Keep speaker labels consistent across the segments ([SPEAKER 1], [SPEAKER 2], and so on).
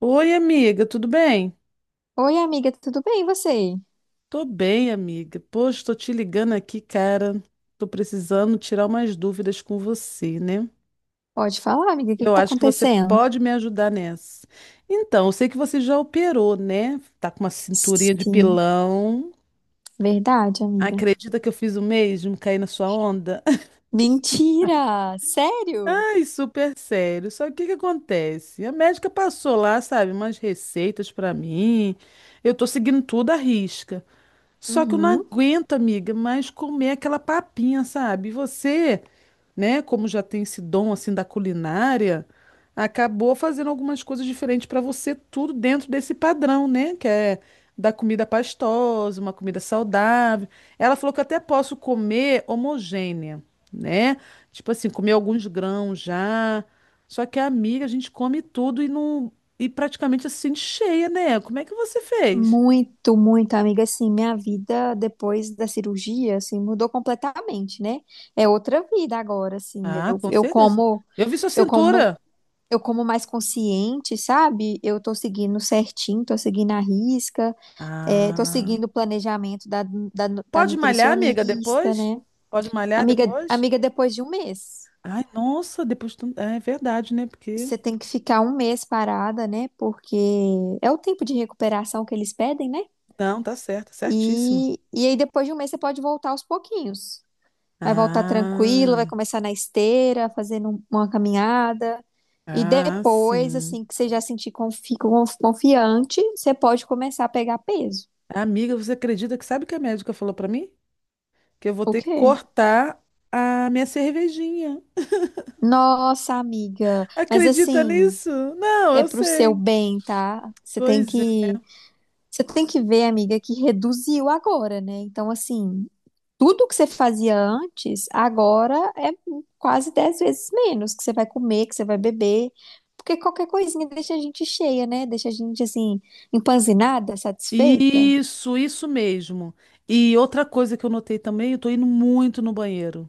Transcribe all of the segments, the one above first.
[SPEAKER 1] Oi, amiga, tudo bem?
[SPEAKER 2] Oi, amiga, tudo bem e você?
[SPEAKER 1] Tô bem, amiga. Poxa, tô te ligando aqui, cara. Tô precisando tirar umas dúvidas com você, né?
[SPEAKER 2] Pode falar, amiga, o que que
[SPEAKER 1] Eu
[SPEAKER 2] tá
[SPEAKER 1] acho que você
[SPEAKER 2] acontecendo?
[SPEAKER 1] pode me ajudar nessa. Então, eu sei que você já operou, né? Tá com uma cinturinha de
[SPEAKER 2] Sim,
[SPEAKER 1] pilão.
[SPEAKER 2] verdade, amiga.
[SPEAKER 1] Acredita que eu fiz o mesmo? Caí na sua onda?
[SPEAKER 2] Mentira! Sério?
[SPEAKER 1] Ai, super sério. Só que o que que acontece? A médica passou lá, sabe, umas receitas pra mim. Eu tô seguindo tudo à risca. Só que eu não
[SPEAKER 2] Uhum.
[SPEAKER 1] aguento, amiga, mais comer aquela papinha, sabe? E você, né, como já tem esse dom assim da culinária, acabou fazendo algumas coisas diferentes para você, tudo dentro desse padrão, né? Que é da comida pastosa, uma comida saudável. Ela falou que eu até posso comer homogênea, né? Tipo assim, comer alguns grãos já. Só que a amiga, a gente come tudo e não e praticamente assim cheia, né? Como é que você fez?
[SPEAKER 2] Muito, muito, amiga. Assim, minha vida depois da cirurgia, assim, mudou completamente, né? É outra vida agora, assim.
[SPEAKER 1] Ah,
[SPEAKER 2] Eu,
[SPEAKER 1] com
[SPEAKER 2] eu
[SPEAKER 1] certeza.
[SPEAKER 2] como,
[SPEAKER 1] Eu vi sua
[SPEAKER 2] eu como,
[SPEAKER 1] cintura.
[SPEAKER 2] eu como mais consciente, sabe? Eu tô seguindo certinho, tô seguindo a risca, tô
[SPEAKER 1] Ah.
[SPEAKER 2] seguindo o planejamento da
[SPEAKER 1] Pode malhar, amiga,
[SPEAKER 2] nutricionista,
[SPEAKER 1] depois?
[SPEAKER 2] né?
[SPEAKER 1] Pode malhar
[SPEAKER 2] Amiga,
[SPEAKER 1] depois?
[SPEAKER 2] amiga, depois de um mês,
[SPEAKER 1] Ai, nossa, depois. É verdade, né? Porque.
[SPEAKER 2] você tem que ficar um mês parada, né? Porque é o tempo de recuperação que eles pedem, né?
[SPEAKER 1] Não, tá certo, certíssimo.
[SPEAKER 2] E aí depois de um mês você pode voltar aos pouquinhos. Vai voltar tranquila, vai
[SPEAKER 1] Ah,
[SPEAKER 2] começar na esteira, fazendo uma caminhada. E
[SPEAKER 1] ah,
[SPEAKER 2] depois,
[SPEAKER 1] sim.
[SPEAKER 2] assim, que você já sentir confiante, você pode começar a pegar peso.
[SPEAKER 1] Amiga, você acredita que sabe o que a médica falou pra mim? Que eu vou
[SPEAKER 2] O
[SPEAKER 1] ter que
[SPEAKER 2] quê?
[SPEAKER 1] cortar a minha cervejinha.
[SPEAKER 2] Nossa, amiga, mas
[SPEAKER 1] Acredita
[SPEAKER 2] assim,
[SPEAKER 1] nisso? Não,
[SPEAKER 2] é
[SPEAKER 1] eu
[SPEAKER 2] pro seu
[SPEAKER 1] sei.
[SPEAKER 2] bem, tá?
[SPEAKER 1] Pois
[SPEAKER 2] Você tem que ver, amiga, que reduziu agora, né? Então, assim, tudo que você fazia antes, agora é quase 10 vezes menos que você vai comer, que você vai beber. Porque qualquer coisinha deixa a gente cheia, né? Deixa a gente, assim, empanzinada, satisfeita.
[SPEAKER 1] isso mesmo. E outra coisa que eu notei também, eu tô indo muito no banheiro.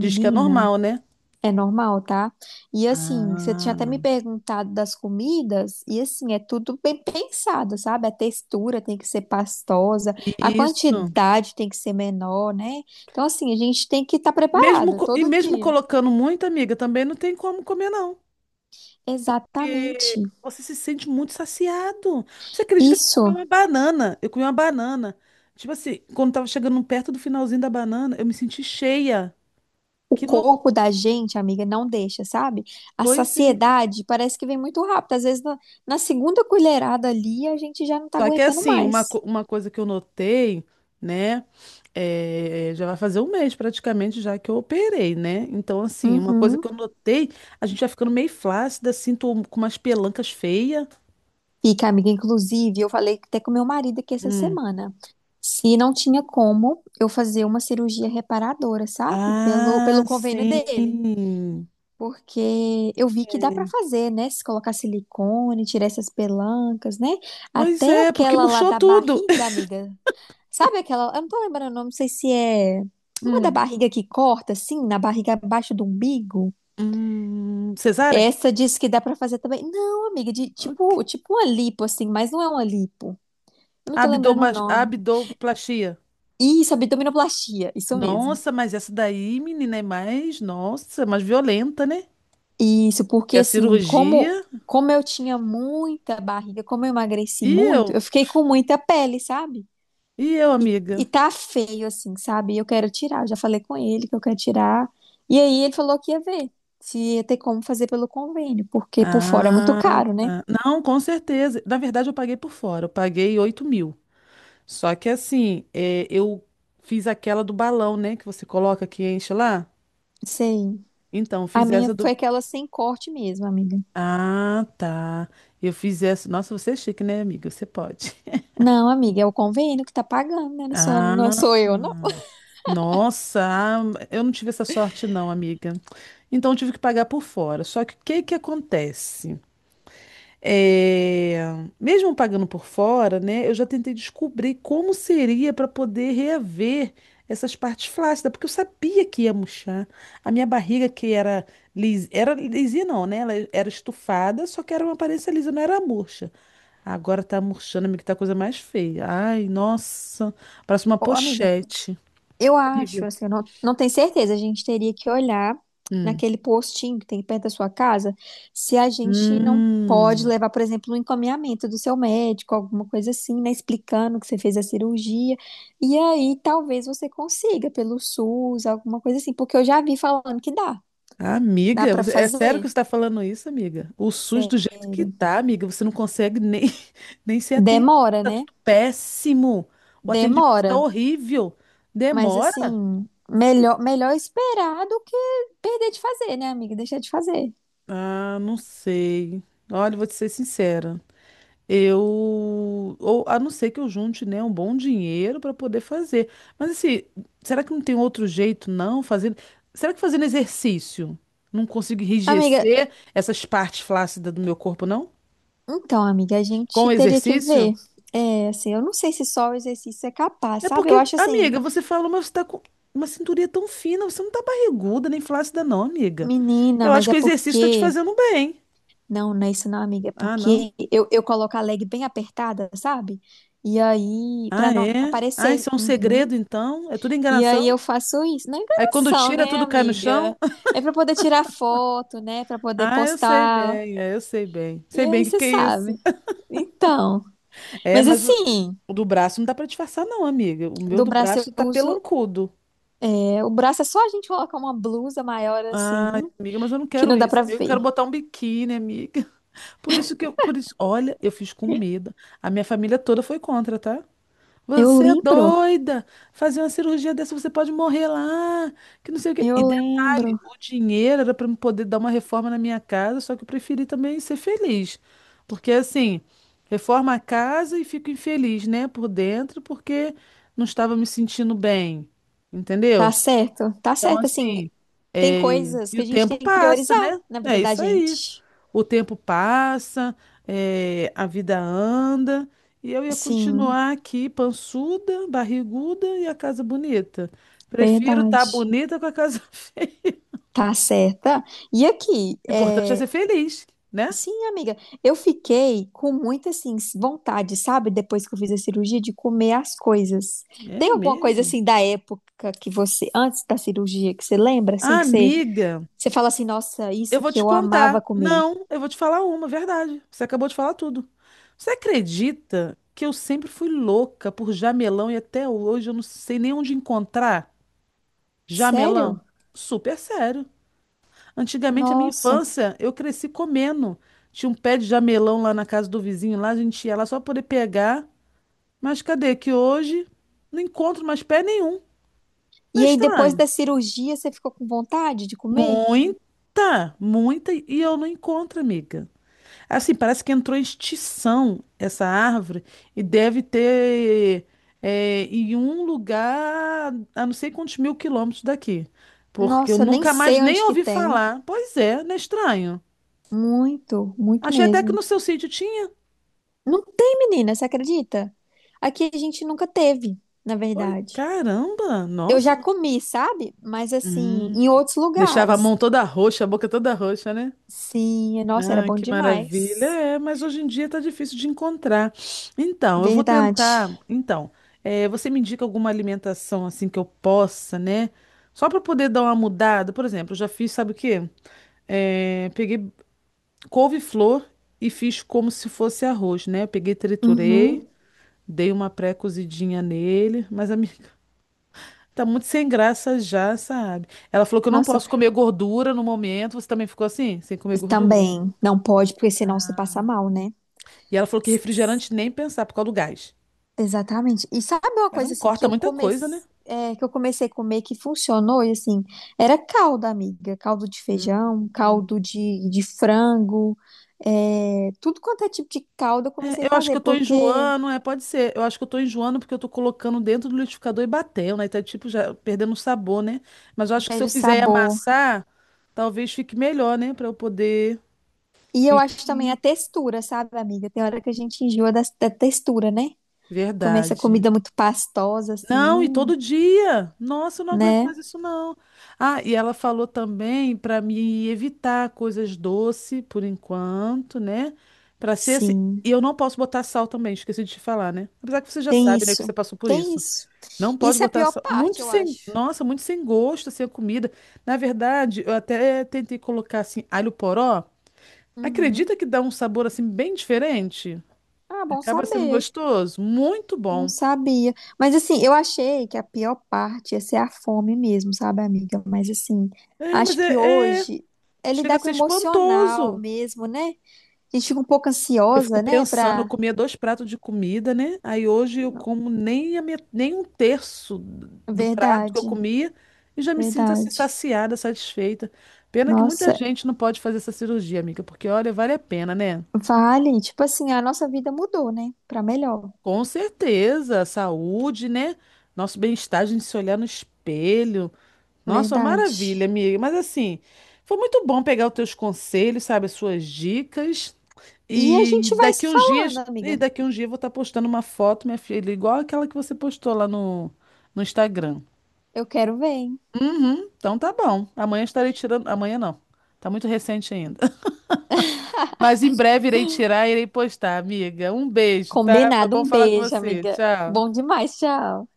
[SPEAKER 1] Diz que é normal, né?
[SPEAKER 2] É normal, tá? E assim, você tinha até me
[SPEAKER 1] Ah,
[SPEAKER 2] perguntado das comidas, e assim, é tudo bem pensado, sabe? A textura tem que ser pastosa, a
[SPEAKER 1] isso.
[SPEAKER 2] quantidade tem que ser menor, né? Então, assim, a gente tem que estar
[SPEAKER 1] Mesmo,
[SPEAKER 2] preparado
[SPEAKER 1] e
[SPEAKER 2] todo
[SPEAKER 1] mesmo
[SPEAKER 2] dia.
[SPEAKER 1] colocando muito, amiga, também não tem como comer, não. Porque
[SPEAKER 2] Exatamente.
[SPEAKER 1] você se sente muito saciado. Você acredita que eu comi
[SPEAKER 2] Isso,
[SPEAKER 1] uma banana? Eu comi uma banana. Tipo assim, quando tava chegando perto do finalzinho da banana, eu me senti cheia.
[SPEAKER 2] o
[SPEAKER 1] Que louco.
[SPEAKER 2] corpo da gente, amiga, não deixa, sabe? A
[SPEAKER 1] Pois é.
[SPEAKER 2] saciedade parece que vem muito rápido. Às vezes, na segunda colherada ali, a gente já não tá
[SPEAKER 1] Só que
[SPEAKER 2] aguentando
[SPEAKER 1] assim, uma,
[SPEAKER 2] mais.
[SPEAKER 1] uma coisa que eu notei, né? Já vai fazer um mês praticamente já que eu operei, né? Então, assim, uma coisa que
[SPEAKER 2] Uhum.
[SPEAKER 1] eu notei, a gente vai ficando meio flácida, assim, tô com umas pelancas feias.
[SPEAKER 2] Fica, amiga. Inclusive, eu falei até com meu marido aqui essa
[SPEAKER 1] Hum.
[SPEAKER 2] semana. Se não tinha como eu fazer uma cirurgia reparadora, sabe? Pelo,
[SPEAKER 1] Ah,
[SPEAKER 2] pelo convênio dele.
[SPEAKER 1] sim.
[SPEAKER 2] Porque eu vi que dá pra fazer, né? Se colocar silicone, tirar essas pelancas, né?
[SPEAKER 1] Pois
[SPEAKER 2] Até
[SPEAKER 1] é, porque
[SPEAKER 2] aquela lá
[SPEAKER 1] murchou
[SPEAKER 2] da
[SPEAKER 1] tudo.
[SPEAKER 2] barriga, amiga. Sabe aquela? Eu não tô lembrando o nome, não sei se é uma da
[SPEAKER 1] Hum.
[SPEAKER 2] barriga que corta, assim, na barriga abaixo do umbigo.
[SPEAKER 1] Cesárea?
[SPEAKER 2] Essa diz que dá pra fazer também. Não, amiga, de tipo uma lipo, assim, mas não é uma lipo. Eu não tô lembrando o nome.
[SPEAKER 1] Abdoplastia.
[SPEAKER 2] Isso, abdominoplastia, isso mesmo.
[SPEAKER 1] Nossa, mas essa daí, menina, é mais, nossa, mais violenta, né?
[SPEAKER 2] Isso,
[SPEAKER 1] É
[SPEAKER 2] porque
[SPEAKER 1] a
[SPEAKER 2] assim,
[SPEAKER 1] cirurgia.
[SPEAKER 2] como eu tinha muita barriga, como eu emagreci
[SPEAKER 1] E
[SPEAKER 2] muito,
[SPEAKER 1] eu?
[SPEAKER 2] eu fiquei com muita pele, sabe?
[SPEAKER 1] E eu,
[SPEAKER 2] E, e
[SPEAKER 1] amiga?
[SPEAKER 2] tá feio assim, sabe? E eu quero tirar, eu já falei com ele que eu quero tirar. E aí ele falou que ia ver se ia ter como fazer pelo convênio, porque por fora é muito
[SPEAKER 1] Ah,
[SPEAKER 2] caro, né?
[SPEAKER 1] tá. Não, com certeza. Na verdade, eu paguei por fora. Eu paguei 8.000. Só que assim, eu fiz aquela do balão, né? Que você coloca que enche lá.
[SPEAKER 2] Sei.
[SPEAKER 1] Então, eu
[SPEAKER 2] A
[SPEAKER 1] fiz
[SPEAKER 2] minha
[SPEAKER 1] essa
[SPEAKER 2] foi
[SPEAKER 1] do.
[SPEAKER 2] aquela sem corte mesmo, amiga.
[SPEAKER 1] Ah, tá. Eu fiz essa. Nossa, você é chique, né, amiga? Você pode.
[SPEAKER 2] Não, amiga, é o convênio que tá pagando, né? Não sou, não
[SPEAKER 1] Ah,
[SPEAKER 2] sou eu, não.
[SPEAKER 1] nossa. Ah, eu não tive essa sorte, não, amiga. Então, eu tive que pagar por fora. Só que o que que acontece? É, mesmo pagando por fora, né, eu já tentei descobrir como seria para poder reaver essas partes flácidas, porque eu sabia que ia murchar. A minha barriga, que era era lisinha, não, né? Ela era estufada, só que era uma aparência lisa, não era murcha. Agora tá murchando, amiga, que tá a coisa mais feia. Ai, nossa, parece uma
[SPEAKER 2] Ô, amiga.
[SPEAKER 1] pochete.
[SPEAKER 2] Eu acho,
[SPEAKER 1] Horrível.
[SPEAKER 2] assim, eu não, não tenho certeza. A gente teria que olhar
[SPEAKER 1] Hum.
[SPEAKER 2] naquele postinho que tem perto da sua casa se a gente não pode
[SPEAKER 1] Hum.
[SPEAKER 2] levar, por exemplo, um encaminhamento do seu médico, alguma coisa assim, né? Explicando que você fez a cirurgia. E aí talvez você consiga pelo SUS, alguma coisa assim, porque eu já vi falando que dá. Dá
[SPEAKER 1] Amiga,
[SPEAKER 2] pra
[SPEAKER 1] é sério que
[SPEAKER 2] fazer.
[SPEAKER 1] você está falando isso, amiga? O SUS do jeito que
[SPEAKER 2] Sério.
[SPEAKER 1] tá, amiga, você não consegue nem, nem ser atendida.
[SPEAKER 2] Demora,
[SPEAKER 1] Tá
[SPEAKER 2] né?
[SPEAKER 1] tudo péssimo. O atendimento está
[SPEAKER 2] Demora.
[SPEAKER 1] horrível.
[SPEAKER 2] Mas
[SPEAKER 1] Demora?
[SPEAKER 2] assim, melhor esperar do que perder de fazer, né, amiga? Deixar de fazer.
[SPEAKER 1] Ah, não sei. Olha, vou te ser sincera. Eu, ou, a não ser que eu junte, né, um bom dinheiro para poder fazer. Mas assim, será que não tem outro jeito, não? Fazendo, será que fazendo exercício não consigo
[SPEAKER 2] Amiga,
[SPEAKER 1] enrijecer essas partes flácidas do meu corpo, não?
[SPEAKER 2] então, amiga, a
[SPEAKER 1] Com
[SPEAKER 2] gente
[SPEAKER 1] o
[SPEAKER 2] teria que
[SPEAKER 1] exercício?
[SPEAKER 2] ver. É, assim, eu não sei se só o exercício é capaz,
[SPEAKER 1] É
[SPEAKER 2] sabe? Eu
[SPEAKER 1] porque,
[SPEAKER 2] acho assim,
[SPEAKER 1] amiga, você falou, mas você tá com uma cinturinha tão fina, você não tá barriguda nem flácida, não, amiga.
[SPEAKER 2] menina,
[SPEAKER 1] Eu
[SPEAKER 2] mas
[SPEAKER 1] acho
[SPEAKER 2] é
[SPEAKER 1] que o exercício tá te
[SPEAKER 2] porque.
[SPEAKER 1] fazendo bem.
[SPEAKER 2] Não, não é isso não, amiga. É
[SPEAKER 1] Ah, não.
[SPEAKER 2] porque eu coloco a leg bem apertada, sabe? E aí,
[SPEAKER 1] Ah,
[SPEAKER 2] pra não
[SPEAKER 1] é? Ah,
[SPEAKER 2] aparecer.
[SPEAKER 1] isso é um
[SPEAKER 2] Uhum.
[SPEAKER 1] segredo, então? É tudo
[SPEAKER 2] E aí
[SPEAKER 1] enganação?
[SPEAKER 2] eu faço isso. Não é
[SPEAKER 1] Aí quando
[SPEAKER 2] enganação,
[SPEAKER 1] tira,
[SPEAKER 2] né,
[SPEAKER 1] tudo cai no
[SPEAKER 2] amiga?
[SPEAKER 1] chão?
[SPEAKER 2] É pra poder tirar foto, né? Pra poder
[SPEAKER 1] Ah, eu sei
[SPEAKER 2] postar.
[SPEAKER 1] bem, eu sei bem.
[SPEAKER 2] E
[SPEAKER 1] Sei bem o
[SPEAKER 2] aí,
[SPEAKER 1] que
[SPEAKER 2] você
[SPEAKER 1] que é
[SPEAKER 2] sabe.
[SPEAKER 1] isso.
[SPEAKER 2] Então.
[SPEAKER 1] É,
[SPEAKER 2] Mas
[SPEAKER 1] mas o,
[SPEAKER 2] assim,
[SPEAKER 1] o do braço não dá pra disfarçar, não, amiga. O meu
[SPEAKER 2] do
[SPEAKER 1] do
[SPEAKER 2] braço
[SPEAKER 1] braço tá
[SPEAKER 2] eu uso.
[SPEAKER 1] pelancudo.
[SPEAKER 2] É, o braço é só a gente colocar uma blusa maior assim,
[SPEAKER 1] Amiga, mas eu não
[SPEAKER 2] que
[SPEAKER 1] quero
[SPEAKER 2] não dá
[SPEAKER 1] isso,
[SPEAKER 2] pra
[SPEAKER 1] amiga. Eu
[SPEAKER 2] ver.
[SPEAKER 1] quero botar um biquíni, amiga. Por isso, olha, eu fiz com medo. A minha família toda foi contra, tá?
[SPEAKER 2] Eu
[SPEAKER 1] Você é
[SPEAKER 2] lembro,
[SPEAKER 1] doida! Fazer uma cirurgia dessa, você pode morrer lá, que não sei o quê.
[SPEAKER 2] eu
[SPEAKER 1] E detalhe,
[SPEAKER 2] lembro.
[SPEAKER 1] o dinheiro era para eu poder dar uma reforma na minha casa, só que eu preferi também ser feliz. Porque assim, reforma a casa e fico infeliz, né, por dentro, porque não estava me sentindo bem.
[SPEAKER 2] Tá
[SPEAKER 1] Entendeu?
[SPEAKER 2] certo, tá
[SPEAKER 1] Então,
[SPEAKER 2] certo. Assim,
[SPEAKER 1] assim,
[SPEAKER 2] tem coisas
[SPEAKER 1] e
[SPEAKER 2] que
[SPEAKER 1] o
[SPEAKER 2] a gente
[SPEAKER 1] tempo
[SPEAKER 2] tem que
[SPEAKER 1] passa,
[SPEAKER 2] priorizar
[SPEAKER 1] né?
[SPEAKER 2] na
[SPEAKER 1] É
[SPEAKER 2] vida da
[SPEAKER 1] isso aí.
[SPEAKER 2] gente.
[SPEAKER 1] O tempo passa, a vida anda, e eu ia
[SPEAKER 2] Sim,
[SPEAKER 1] continuar aqui, pançuda, barriguda e a casa bonita. Prefiro estar
[SPEAKER 2] verdade.
[SPEAKER 1] bonita com a casa.
[SPEAKER 2] Tá certa. E aqui,
[SPEAKER 1] O importante é ser feliz, né?
[SPEAKER 2] sim, amiga, eu fiquei com muita, assim, vontade, sabe? Depois que eu fiz a cirurgia, de comer as coisas.
[SPEAKER 1] É
[SPEAKER 2] Tem alguma coisa,
[SPEAKER 1] mesmo.
[SPEAKER 2] assim, da época que você, antes da cirurgia, que você lembra, assim,
[SPEAKER 1] Amiga,
[SPEAKER 2] você fala assim, nossa,
[SPEAKER 1] eu
[SPEAKER 2] isso
[SPEAKER 1] vou
[SPEAKER 2] que
[SPEAKER 1] te
[SPEAKER 2] eu amava
[SPEAKER 1] contar.
[SPEAKER 2] comer.
[SPEAKER 1] Não, eu vou te falar uma, verdade. Você acabou de falar tudo. Você acredita que eu sempre fui louca por jamelão e até hoje eu não sei nem onde encontrar
[SPEAKER 2] Sério?
[SPEAKER 1] jamelão? Super sério. Antigamente, a minha
[SPEAKER 2] Nossa.
[SPEAKER 1] infância, eu cresci comendo. Tinha um pé de jamelão lá na casa do vizinho, lá a gente ia lá só poder pegar. Mas cadê? Que hoje não encontro mais pé nenhum. Não é
[SPEAKER 2] E aí, depois
[SPEAKER 1] estranho?
[SPEAKER 2] da cirurgia, você ficou com vontade de comer?
[SPEAKER 1] Muita, muita, e eu não encontro, amiga. Assim, parece que entrou em extinção essa árvore e deve ter em um lugar a não sei quantos mil quilômetros daqui. Porque eu
[SPEAKER 2] Nossa, eu nem
[SPEAKER 1] nunca mais
[SPEAKER 2] sei
[SPEAKER 1] nem
[SPEAKER 2] onde que
[SPEAKER 1] ouvi
[SPEAKER 2] tem.
[SPEAKER 1] falar. Pois é, não é estranho?
[SPEAKER 2] Muito, muito
[SPEAKER 1] Achei até que
[SPEAKER 2] mesmo.
[SPEAKER 1] no seu sítio tinha.
[SPEAKER 2] Não tem, menina, você acredita? Aqui a gente nunca teve, na
[SPEAKER 1] Oi,
[SPEAKER 2] verdade.
[SPEAKER 1] caramba,
[SPEAKER 2] Eu
[SPEAKER 1] nossa.
[SPEAKER 2] já comi, sabe? Mas assim,
[SPEAKER 1] Hum.
[SPEAKER 2] em outros
[SPEAKER 1] Deixava a
[SPEAKER 2] lugares.
[SPEAKER 1] mão toda roxa, a boca toda roxa, né?
[SPEAKER 2] Sim, nossa, era
[SPEAKER 1] Ah,
[SPEAKER 2] bom
[SPEAKER 1] que maravilha.
[SPEAKER 2] demais.
[SPEAKER 1] É, mas hoje em dia tá difícil de encontrar. Então, eu vou
[SPEAKER 2] Verdade.
[SPEAKER 1] tentar. Então, você me indica alguma alimentação assim que eu possa, né? Só para poder dar uma mudada. Por exemplo, eu já fiz, sabe o quê? Peguei couve-flor e fiz como se fosse arroz, né? Eu peguei,
[SPEAKER 2] Uhum.
[SPEAKER 1] triturei, dei uma pré-cozidinha nele, mas a minha tá muito sem graça já, sabe? Ela falou que eu não
[SPEAKER 2] Nossa,
[SPEAKER 1] posso comer gordura no momento. Você também ficou assim, sem comer gordura?
[SPEAKER 2] também não pode, porque senão você passa mal, né?
[SPEAKER 1] E ela falou que refrigerante nem pensar por causa do gás.
[SPEAKER 2] Exatamente. E sabe uma
[SPEAKER 1] Ela não
[SPEAKER 2] coisa assim
[SPEAKER 1] corta muita coisa, né?
[SPEAKER 2] que eu comecei a comer que funcionou e assim, era caldo, amiga, caldo de feijão, caldo de frango, é, tudo quanto é tipo de caldo eu comecei a
[SPEAKER 1] Eu acho que
[SPEAKER 2] fazer
[SPEAKER 1] eu tô
[SPEAKER 2] porque
[SPEAKER 1] enjoando, pode ser. Eu acho que eu tô enjoando porque eu tô colocando dentro do liquidificador e batendo, né? Tá tipo já perdendo o sabor, né? Mas eu acho que se
[SPEAKER 2] perde
[SPEAKER 1] eu
[SPEAKER 2] o
[SPEAKER 1] fizer e
[SPEAKER 2] sabor.
[SPEAKER 1] amassar, talvez fique melhor, né? Pra eu poder
[SPEAKER 2] E eu acho também
[SPEAKER 1] ingerir.
[SPEAKER 2] a textura, sabe, amiga? Tem hora que a gente enjoa da textura, né? Começa a
[SPEAKER 1] Verdade.
[SPEAKER 2] comida muito pastosa assim,
[SPEAKER 1] Não, e
[SPEAKER 2] não,
[SPEAKER 1] todo dia. Nossa, eu não aguento
[SPEAKER 2] né?
[SPEAKER 1] mais isso, não. Ah, e ela falou também para me evitar coisas doces por enquanto, né? Para ser assim. E
[SPEAKER 2] Sim.
[SPEAKER 1] eu não posso botar sal também, esqueci de te falar, né? Apesar que você já
[SPEAKER 2] Tem
[SPEAKER 1] sabe, né, que você
[SPEAKER 2] isso.
[SPEAKER 1] passou por
[SPEAKER 2] Tem
[SPEAKER 1] isso.
[SPEAKER 2] isso.
[SPEAKER 1] Não pode
[SPEAKER 2] Isso é a
[SPEAKER 1] botar
[SPEAKER 2] pior
[SPEAKER 1] sal. Muito
[SPEAKER 2] parte, eu
[SPEAKER 1] sem.
[SPEAKER 2] acho.
[SPEAKER 1] Nossa, muito sem gosto, assim, a comida. Na verdade, eu até tentei colocar, assim, alho poró.
[SPEAKER 2] Uhum.
[SPEAKER 1] Acredita que dá um sabor, assim, bem diferente?
[SPEAKER 2] Ah, bom
[SPEAKER 1] Acaba sendo
[SPEAKER 2] saber.
[SPEAKER 1] gostoso? Muito
[SPEAKER 2] Não
[SPEAKER 1] bom.
[SPEAKER 2] sabia. Mas assim, eu achei que a pior parte ia ser a fome mesmo, sabe, amiga? Mas assim,
[SPEAKER 1] É, mas
[SPEAKER 2] acho que
[SPEAKER 1] é, é
[SPEAKER 2] hoje é
[SPEAKER 1] Chega a
[SPEAKER 2] lidar com
[SPEAKER 1] ser
[SPEAKER 2] o emocional
[SPEAKER 1] espantoso.
[SPEAKER 2] mesmo, né? A gente fica um pouco
[SPEAKER 1] Eu fico
[SPEAKER 2] ansiosa, né?
[SPEAKER 1] pensando, eu
[SPEAKER 2] Pra.
[SPEAKER 1] comia 2 pratos de comida, né? Aí hoje eu
[SPEAKER 2] Não,
[SPEAKER 1] como nem, nem um terço do prato que eu
[SPEAKER 2] Verdade,
[SPEAKER 1] comia e já me sinto assim
[SPEAKER 2] verdade.
[SPEAKER 1] saciada, satisfeita. Pena que muita
[SPEAKER 2] Nossa,
[SPEAKER 1] gente não pode fazer essa cirurgia, amiga, porque olha, vale a pena, né?
[SPEAKER 2] vale. Tipo assim, a nossa vida mudou, né? Pra melhor.
[SPEAKER 1] Com certeza, saúde, né? Nosso bem-estar, a gente se olhar no espelho. Nossa, uma
[SPEAKER 2] Verdade.
[SPEAKER 1] maravilha, amiga. Mas assim, foi muito bom pegar os teus conselhos, sabe, as suas dicas.
[SPEAKER 2] E a gente vai se falando,
[SPEAKER 1] E
[SPEAKER 2] amiga.
[SPEAKER 1] daqui uns dias eu vou estar postando uma foto, minha filha, igual aquela que você postou lá no Instagram.
[SPEAKER 2] Eu quero ver, hein?
[SPEAKER 1] Uhum, então tá bom. Amanhã estarei tirando. Amanhã não. Tá muito recente ainda. Mas em breve irei tirar e irei postar, amiga. Um beijo, tá? Foi
[SPEAKER 2] Combinado. Um
[SPEAKER 1] bom falar com
[SPEAKER 2] beijo,
[SPEAKER 1] você.
[SPEAKER 2] amiga. Bom
[SPEAKER 1] Tchau.
[SPEAKER 2] demais, tchau.